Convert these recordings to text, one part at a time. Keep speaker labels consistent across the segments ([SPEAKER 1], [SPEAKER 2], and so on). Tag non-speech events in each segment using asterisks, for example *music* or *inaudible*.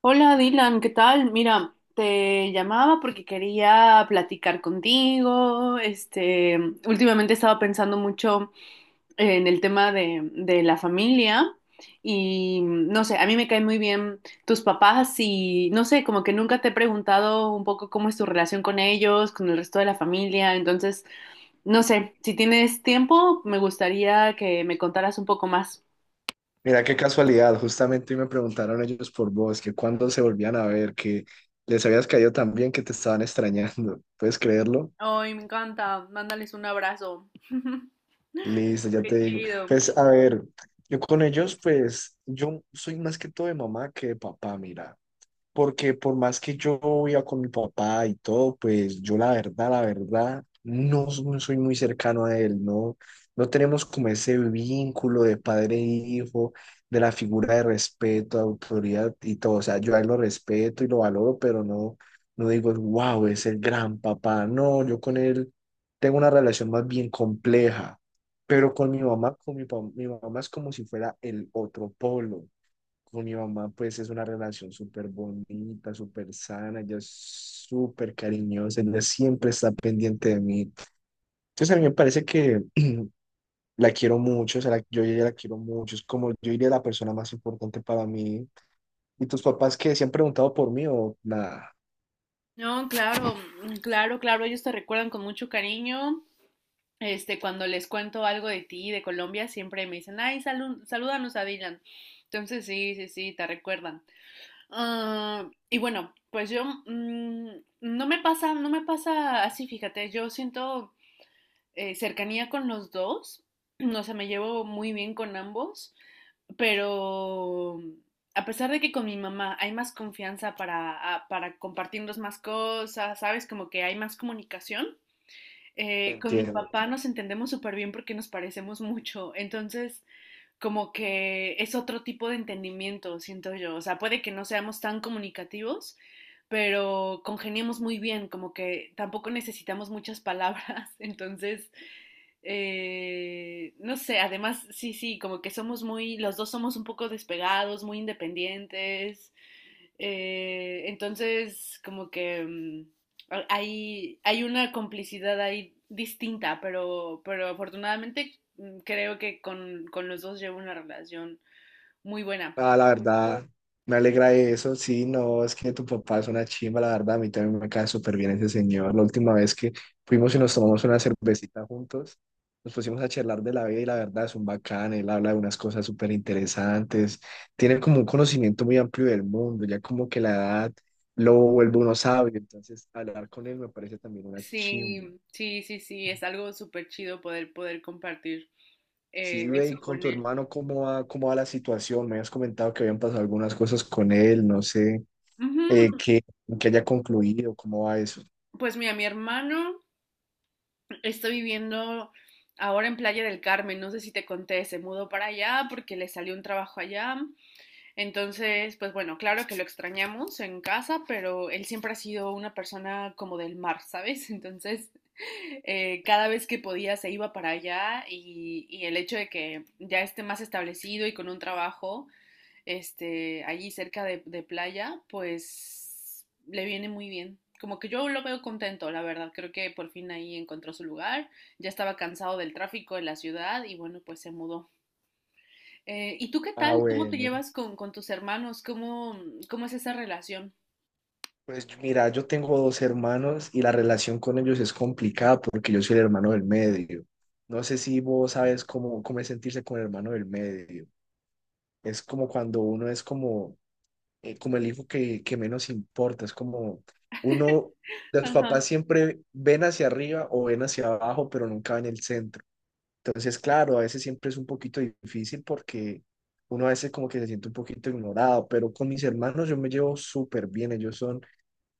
[SPEAKER 1] Hola Dylan, ¿qué tal? Mira, te llamaba porque quería platicar contigo. Últimamente estaba pensando mucho en el tema de la familia y no sé, a mí me caen muy bien tus papás y no sé, como que nunca te he preguntado un poco cómo es tu relación con ellos, con el resto de la familia. Entonces, no sé, si tienes tiempo, me gustaría que me contaras un poco más.
[SPEAKER 2] Mira qué casualidad, justamente hoy me preguntaron ellos por vos, que cuándo se volvían a ver, que les habías caído tan bien que te estaban extrañando. ¿Puedes creerlo?
[SPEAKER 1] Ay, me encanta. Mándales un abrazo. *laughs*
[SPEAKER 2] Listo, ya te
[SPEAKER 1] Qué
[SPEAKER 2] digo.
[SPEAKER 1] chido.
[SPEAKER 2] Pues a ver, yo con ellos, pues yo soy más que todo de mamá que de papá, mira. Porque por más que yo viva con mi papá y todo, pues yo la verdad, no, no soy muy cercano a él, ¿no? No tenemos como ese vínculo de padre e hijo, de la figura de respeto, de autoridad y todo. O sea, yo a él lo respeto y lo valoro, pero no, no digo, wow, es el gran papá. No, yo con él tengo una relación más bien compleja. Pero con mi mamá, mi mamá es como si fuera el otro polo. Con mi mamá, pues es una relación súper bonita, súper sana, ella es súper cariñosa, ella siempre está pendiente de mí. Entonces a mí me parece que la quiero mucho, o sea, yo a ella la quiero mucho, es como yo diría la persona más importante para mí. ¿Y tus papás que se han preguntado por mí o nada?
[SPEAKER 1] No, claro, mm, claro, claro, ellos te recuerdan con mucho cariño. Este, cuando les cuento algo de ti, de Colombia, siempre me dicen, ay, salud, salúdanos a Dylan. Entonces, sí, sí, sí, te recuerdan. Ah, y bueno, pues yo, no me pasa, no me pasa así, fíjate, yo siento cercanía con los dos. *clears throat* No sé, me llevo muy bien con ambos, pero a pesar de que con mi mamá hay más confianza para, para compartirnos más cosas, ¿sabes? Como que hay más comunicación. Con mi
[SPEAKER 2] Entiendo,
[SPEAKER 1] papá
[SPEAKER 2] entiendo.
[SPEAKER 1] nos entendemos súper bien porque nos parecemos mucho. Entonces, como que es otro tipo de entendimiento, siento yo. O sea, puede que no seamos tan comunicativos, pero congeniamos muy bien, como que tampoco necesitamos muchas *laughs* palabras. Entonces, no sé, además, sí, sí, como que somos muy, los dos somos un poco despegados, muy independientes. Entonces, como que hay una complicidad ahí distinta, pero afortunadamente creo que con los dos llevo una relación muy buena.
[SPEAKER 2] Ah, la verdad, me alegra eso. Sí, no, es que tu papá es una chimba, la verdad. A mí también me cae súper bien ese señor. La última vez que fuimos y nos tomamos una cervecita juntos, nos pusimos a charlar de la vida y la verdad es un bacán. Él habla de unas cosas súper interesantes. Tiene como un conocimiento muy amplio del mundo, ya como que la edad lo vuelve uno sabio. Entonces, hablar con él me parece también una chimba.
[SPEAKER 1] Sí, sí, sí, sí, es algo súper chido poder, poder compartir
[SPEAKER 2] Sí, ve,
[SPEAKER 1] eso
[SPEAKER 2] y con
[SPEAKER 1] con
[SPEAKER 2] tu
[SPEAKER 1] él.
[SPEAKER 2] hermano, cómo va la situación? Me habías comentado que habían pasado algunas cosas con él, no sé, eh,
[SPEAKER 1] Ujú.
[SPEAKER 2] que, que haya concluido, ¿cómo va eso?
[SPEAKER 1] Pues mira, mi hermano está viviendo ahora en Playa del Carmen, no sé si te conté, se mudó para allá porque le salió un trabajo allá. Entonces, pues bueno, claro que lo extrañamos en casa, pero él siempre ha sido una persona como del mar, ¿sabes? *laughs* Entonces, cada vez que podía se iba para allá y el hecho de que ya esté más establecido y con un trabajo, este, allí cerca de playa, pues le viene muy bien. Como que yo lo veo contento, la verdad. Creo que por fin ahí encontró su lugar. Ya estaba cansado del tráfico de la ciudad y bueno, pues se mudó. ¿Y tú qué
[SPEAKER 2] Ah,
[SPEAKER 1] tal? ¿Cómo te
[SPEAKER 2] bueno,
[SPEAKER 1] llevas con tus hermanos? ¿Cómo, cómo es esa relación?
[SPEAKER 2] pues mira, yo tengo dos hermanos y la relación con ellos es complicada porque yo soy el hermano del medio. No sé si vos sabes cómo, cómo es sentirse con el hermano del medio. Es como cuando uno es como como el hijo que menos importa. Es como uno, los papás
[SPEAKER 1] Ajá.
[SPEAKER 2] siempre ven hacia arriba o ven hacia abajo, pero nunca ven el centro. Entonces, claro, a veces siempre es un poquito difícil porque uno a veces como que se siente un poquito ignorado, pero con mis hermanos yo me llevo súper bien. Ellos son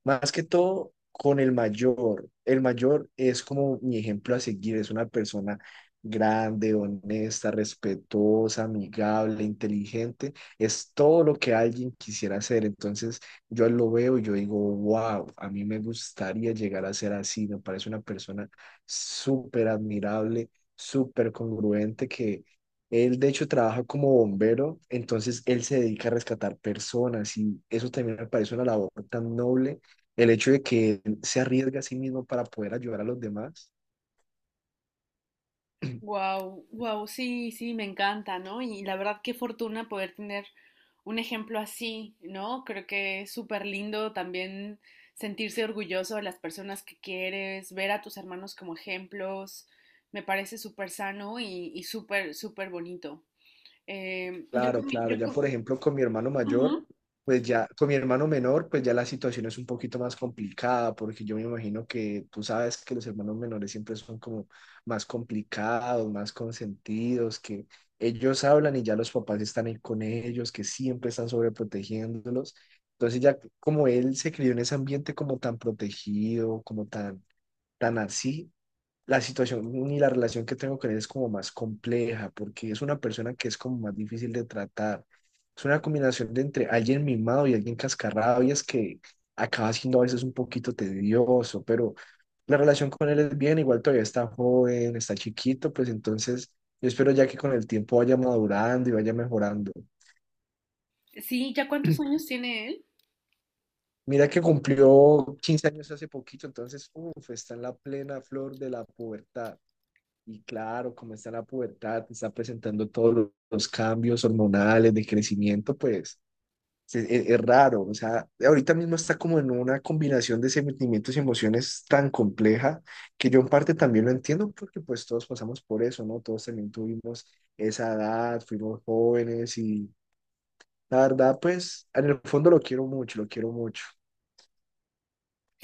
[SPEAKER 2] más que todo con el mayor. El mayor es como mi ejemplo a seguir, es una persona grande, honesta, respetuosa, amigable, inteligente. Es todo lo que alguien quisiera ser. Entonces yo lo veo y yo digo, wow, a mí me gustaría llegar a ser así. Me parece una persona súper admirable, súper congruente que... Él, de hecho, trabaja como bombero, entonces él se dedica a rescatar personas y eso también me parece una labor tan noble el hecho de que él se arriesga a sí mismo para poder ayudar a los demás.
[SPEAKER 1] Wow,
[SPEAKER 2] *clears throat*
[SPEAKER 1] wow, sí, sí, me encanta, ¿no? Y la verdad, qué fortuna poder tener un ejemplo así, ¿no? Creo que es súper lindo también sentirse orgulloso de las personas que quieres, ver a tus hermanos como ejemplos, me parece súper sano y súper, súper bonito.
[SPEAKER 2] Claro, claro.
[SPEAKER 1] Yo
[SPEAKER 2] Ya,
[SPEAKER 1] con...
[SPEAKER 2] por ejemplo, con mi hermano mayor,
[SPEAKER 1] Ujú.
[SPEAKER 2] pues ya, con mi hermano menor, pues ya la situación es un poquito más complicada, porque yo me imagino que tú sabes que los hermanos menores siempre son como más complicados, más consentidos, que ellos hablan y ya los papás están ahí con ellos, que siempre están sobreprotegiéndolos. Entonces ya como él se crió en ese ambiente como tan protegido, como tan, tan así, la situación ni la relación que tengo con él es como más compleja, porque es una persona que es como más difícil de tratar. Es una combinación de entre alguien mimado y alguien cascarrado, y es que acaba siendo a veces un poquito tedioso, pero la relación con él es bien, igual todavía está joven, está chiquito, pues entonces yo espero ya que con el tiempo vaya madurando y vaya mejorando.
[SPEAKER 1] Sí, ¿ya cuántos años tiene él?
[SPEAKER 2] Mira que cumplió 15 años hace poquito, entonces, uff está en la plena flor de la pubertad. Y claro, como está en la pubertad, está presentando todos los cambios hormonales de crecimiento, pues es, raro. O sea, ahorita mismo está como en una combinación de sentimientos y emociones tan compleja que yo en parte también lo entiendo porque pues todos pasamos por eso, ¿no? Todos también tuvimos esa edad, fuimos jóvenes y la verdad, pues en el fondo lo quiero mucho, lo quiero mucho.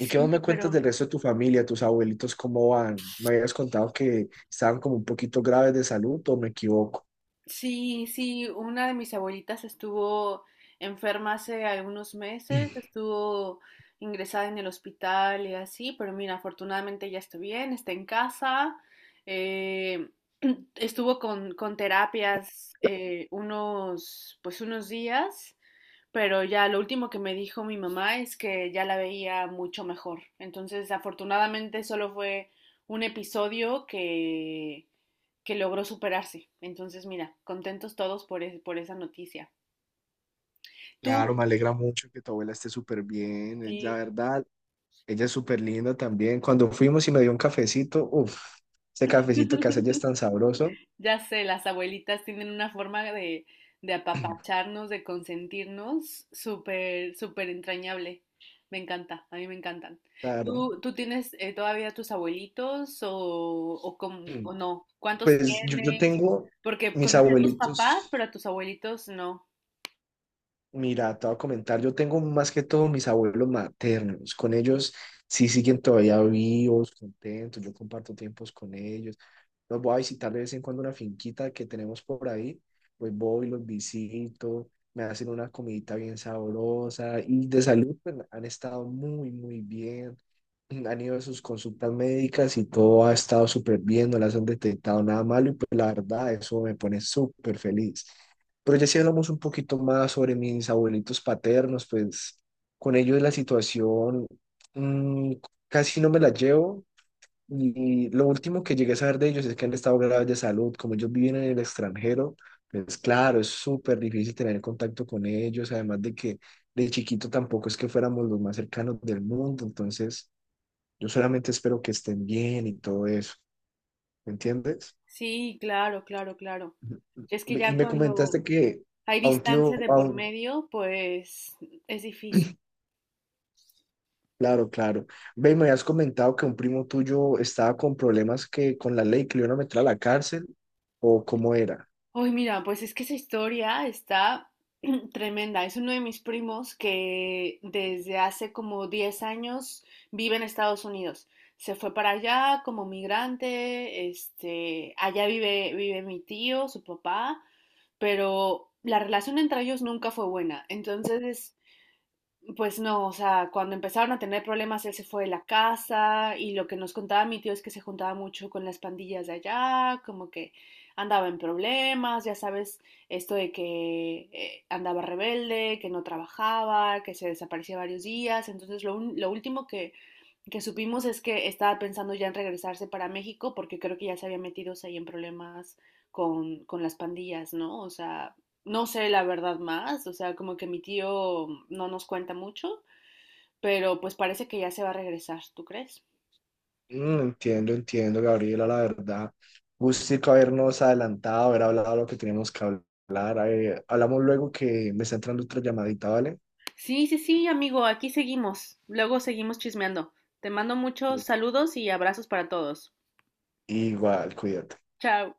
[SPEAKER 2] ¿Y qué más me cuentas
[SPEAKER 1] pero
[SPEAKER 2] del resto de tu familia, tus abuelitos, cómo van? Me habías contado que estaban como un poquito graves de salud, ¿o me equivoco?
[SPEAKER 1] sí, sí, una de mis abuelitas estuvo enferma hace algunos meses, estuvo ingresada en el hospital y así, pero mira, afortunadamente ya está bien, está en casa. eh, *clears throat* Estuvo con terapias, unos, pues unos días, pero ya lo último que me dijo mi mamá es que ya la veía mucho mejor. Entonces, afortunadamente solo fue un episodio que logró superarse. Entonces, mira, contentos todos por, por esa noticia.
[SPEAKER 2] Claro,
[SPEAKER 1] Tú,
[SPEAKER 2] me alegra mucho que tu abuela esté súper bien, es la
[SPEAKER 1] sí.
[SPEAKER 2] verdad. Ella es súper linda también. Cuando fuimos y me dio un cafecito, uff, ese cafecito que hace ella es
[SPEAKER 1] *laughs*
[SPEAKER 2] tan sabroso.
[SPEAKER 1] Ya sé, las abuelitas tienen una forma de apapacharnos, de consentirnos, súper, súper entrañable. Me encanta, a mí me encantan.
[SPEAKER 2] Claro.
[SPEAKER 1] ¿Tú, tú tienes todavía tus abuelitos o, o
[SPEAKER 2] *clears throat*
[SPEAKER 1] no? ¿Cuántos
[SPEAKER 2] Pues yo
[SPEAKER 1] tienes?
[SPEAKER 2] tengo
[SPEAKER 1] Porque
[SPEAKER 2] mis
[SPEAKER 1] conocí a tus papás, pero
[SPEAKER 2] abuelitos.
[SPEAKER 1] a tus abuelitos no.
[SPEAKER 2] Mira, te voy a comentar, yo tengo más que todo mis abuelos maternos, con ellos sí siguen todavía vivos, contentos, yo comparto tiempos con ellos, los voy a visitar de vez en cuando una finquita que tenemos por ahí, pues voy, los visito, me hacen una comidita bien sabrosa y de salud pues, han estado muy, muy bien, *clears throat* han ido a sus consultas médicas y todo ha estado súper bien, no las han detectado nada malo y pues la verdad eso me pone súper feliz. Pero ya si hablamos un poquito más sobre mis abuelitos paternos, pues con ellos la situación mm, casi no me la llevo. Y lo último que llegué a saber de ellos es que han estado graves de salud. Como ellos viven en el extranjero, pues claro, es súper difícil tener contacto con ellos. Además de que de chiquito tampoco es que fuéramos los más cercanos del mundo. Entonces, yo solamente espero que estén bien y todo eso. ¿Me entiendes?
[SPEAKER 1] Sí, claro, claro, claro.
[SPEAKER 2] Ujú.
[SPEAKER 1] Es que
[SPEAKER 2] Y
[SPEAKER 1] ya
[SPEAKER 2] me
[SPEAKER 1] cuando
[SPEAKER 2] comentaste que
[SPEAKER 1] hay
[SPEAKER 2] a un tío,
[SPEAKER 1] distancia de por medio, pues es difícil.
[SPEAKER 2] claro, claro. Ve, me habías comentado que un primo tuyo estaba con problemas que con la ley que le iban a meter a la cárcel, o cómo era.
[SPEAKER 1] Ay, mira, pues es que esa historia está *clears throat* tremenda. Es uno de mis primos que desde hace como 10 años vive en Estados Unidos. Se fue para allá como migrante, este, allá vive, vive mi tío, su papá, pero la relación entre ellos nunca fue buena. Entonces, pues no, o sea, cuando empezaron a tener problemas, él se fue de la casa y lo que nos contaba mi tío es que se juntaba mucho con las pandillas de allá, como que andaba en problemas, ya sabes, esto de que andaba rebelde, que no trabajaba, que se desaparecía varios días. Entonces, lo último que supimos es que estaba pensando ya en regresarse para México porque creo que ya se había metido, o sea, ahí en problemas con las pandillas, ¿no? O sea, no sé la verdad más, o sea, como que mi tío no nos cuenta mucho, pero pues parece que ya se va a regresar, ¿tú crees?
[SPEAKER 2] Mm, entiendo, entiendo, Gabriela, la verdad. Gustico habernos adelantado, haber hablado lo que teníamos que hablar. Hablamos luego que me está entrando otra llamadita, ¿vale?
[SPEAKER 1] Sí, sí, sí, amigo, aquí seguimos. Luego seguimos chismeando. Te mando muchos saludos y abrazos para todos.
[SPEAKER 2] Igual, cuídate.
[SPEAKER 1] Chao.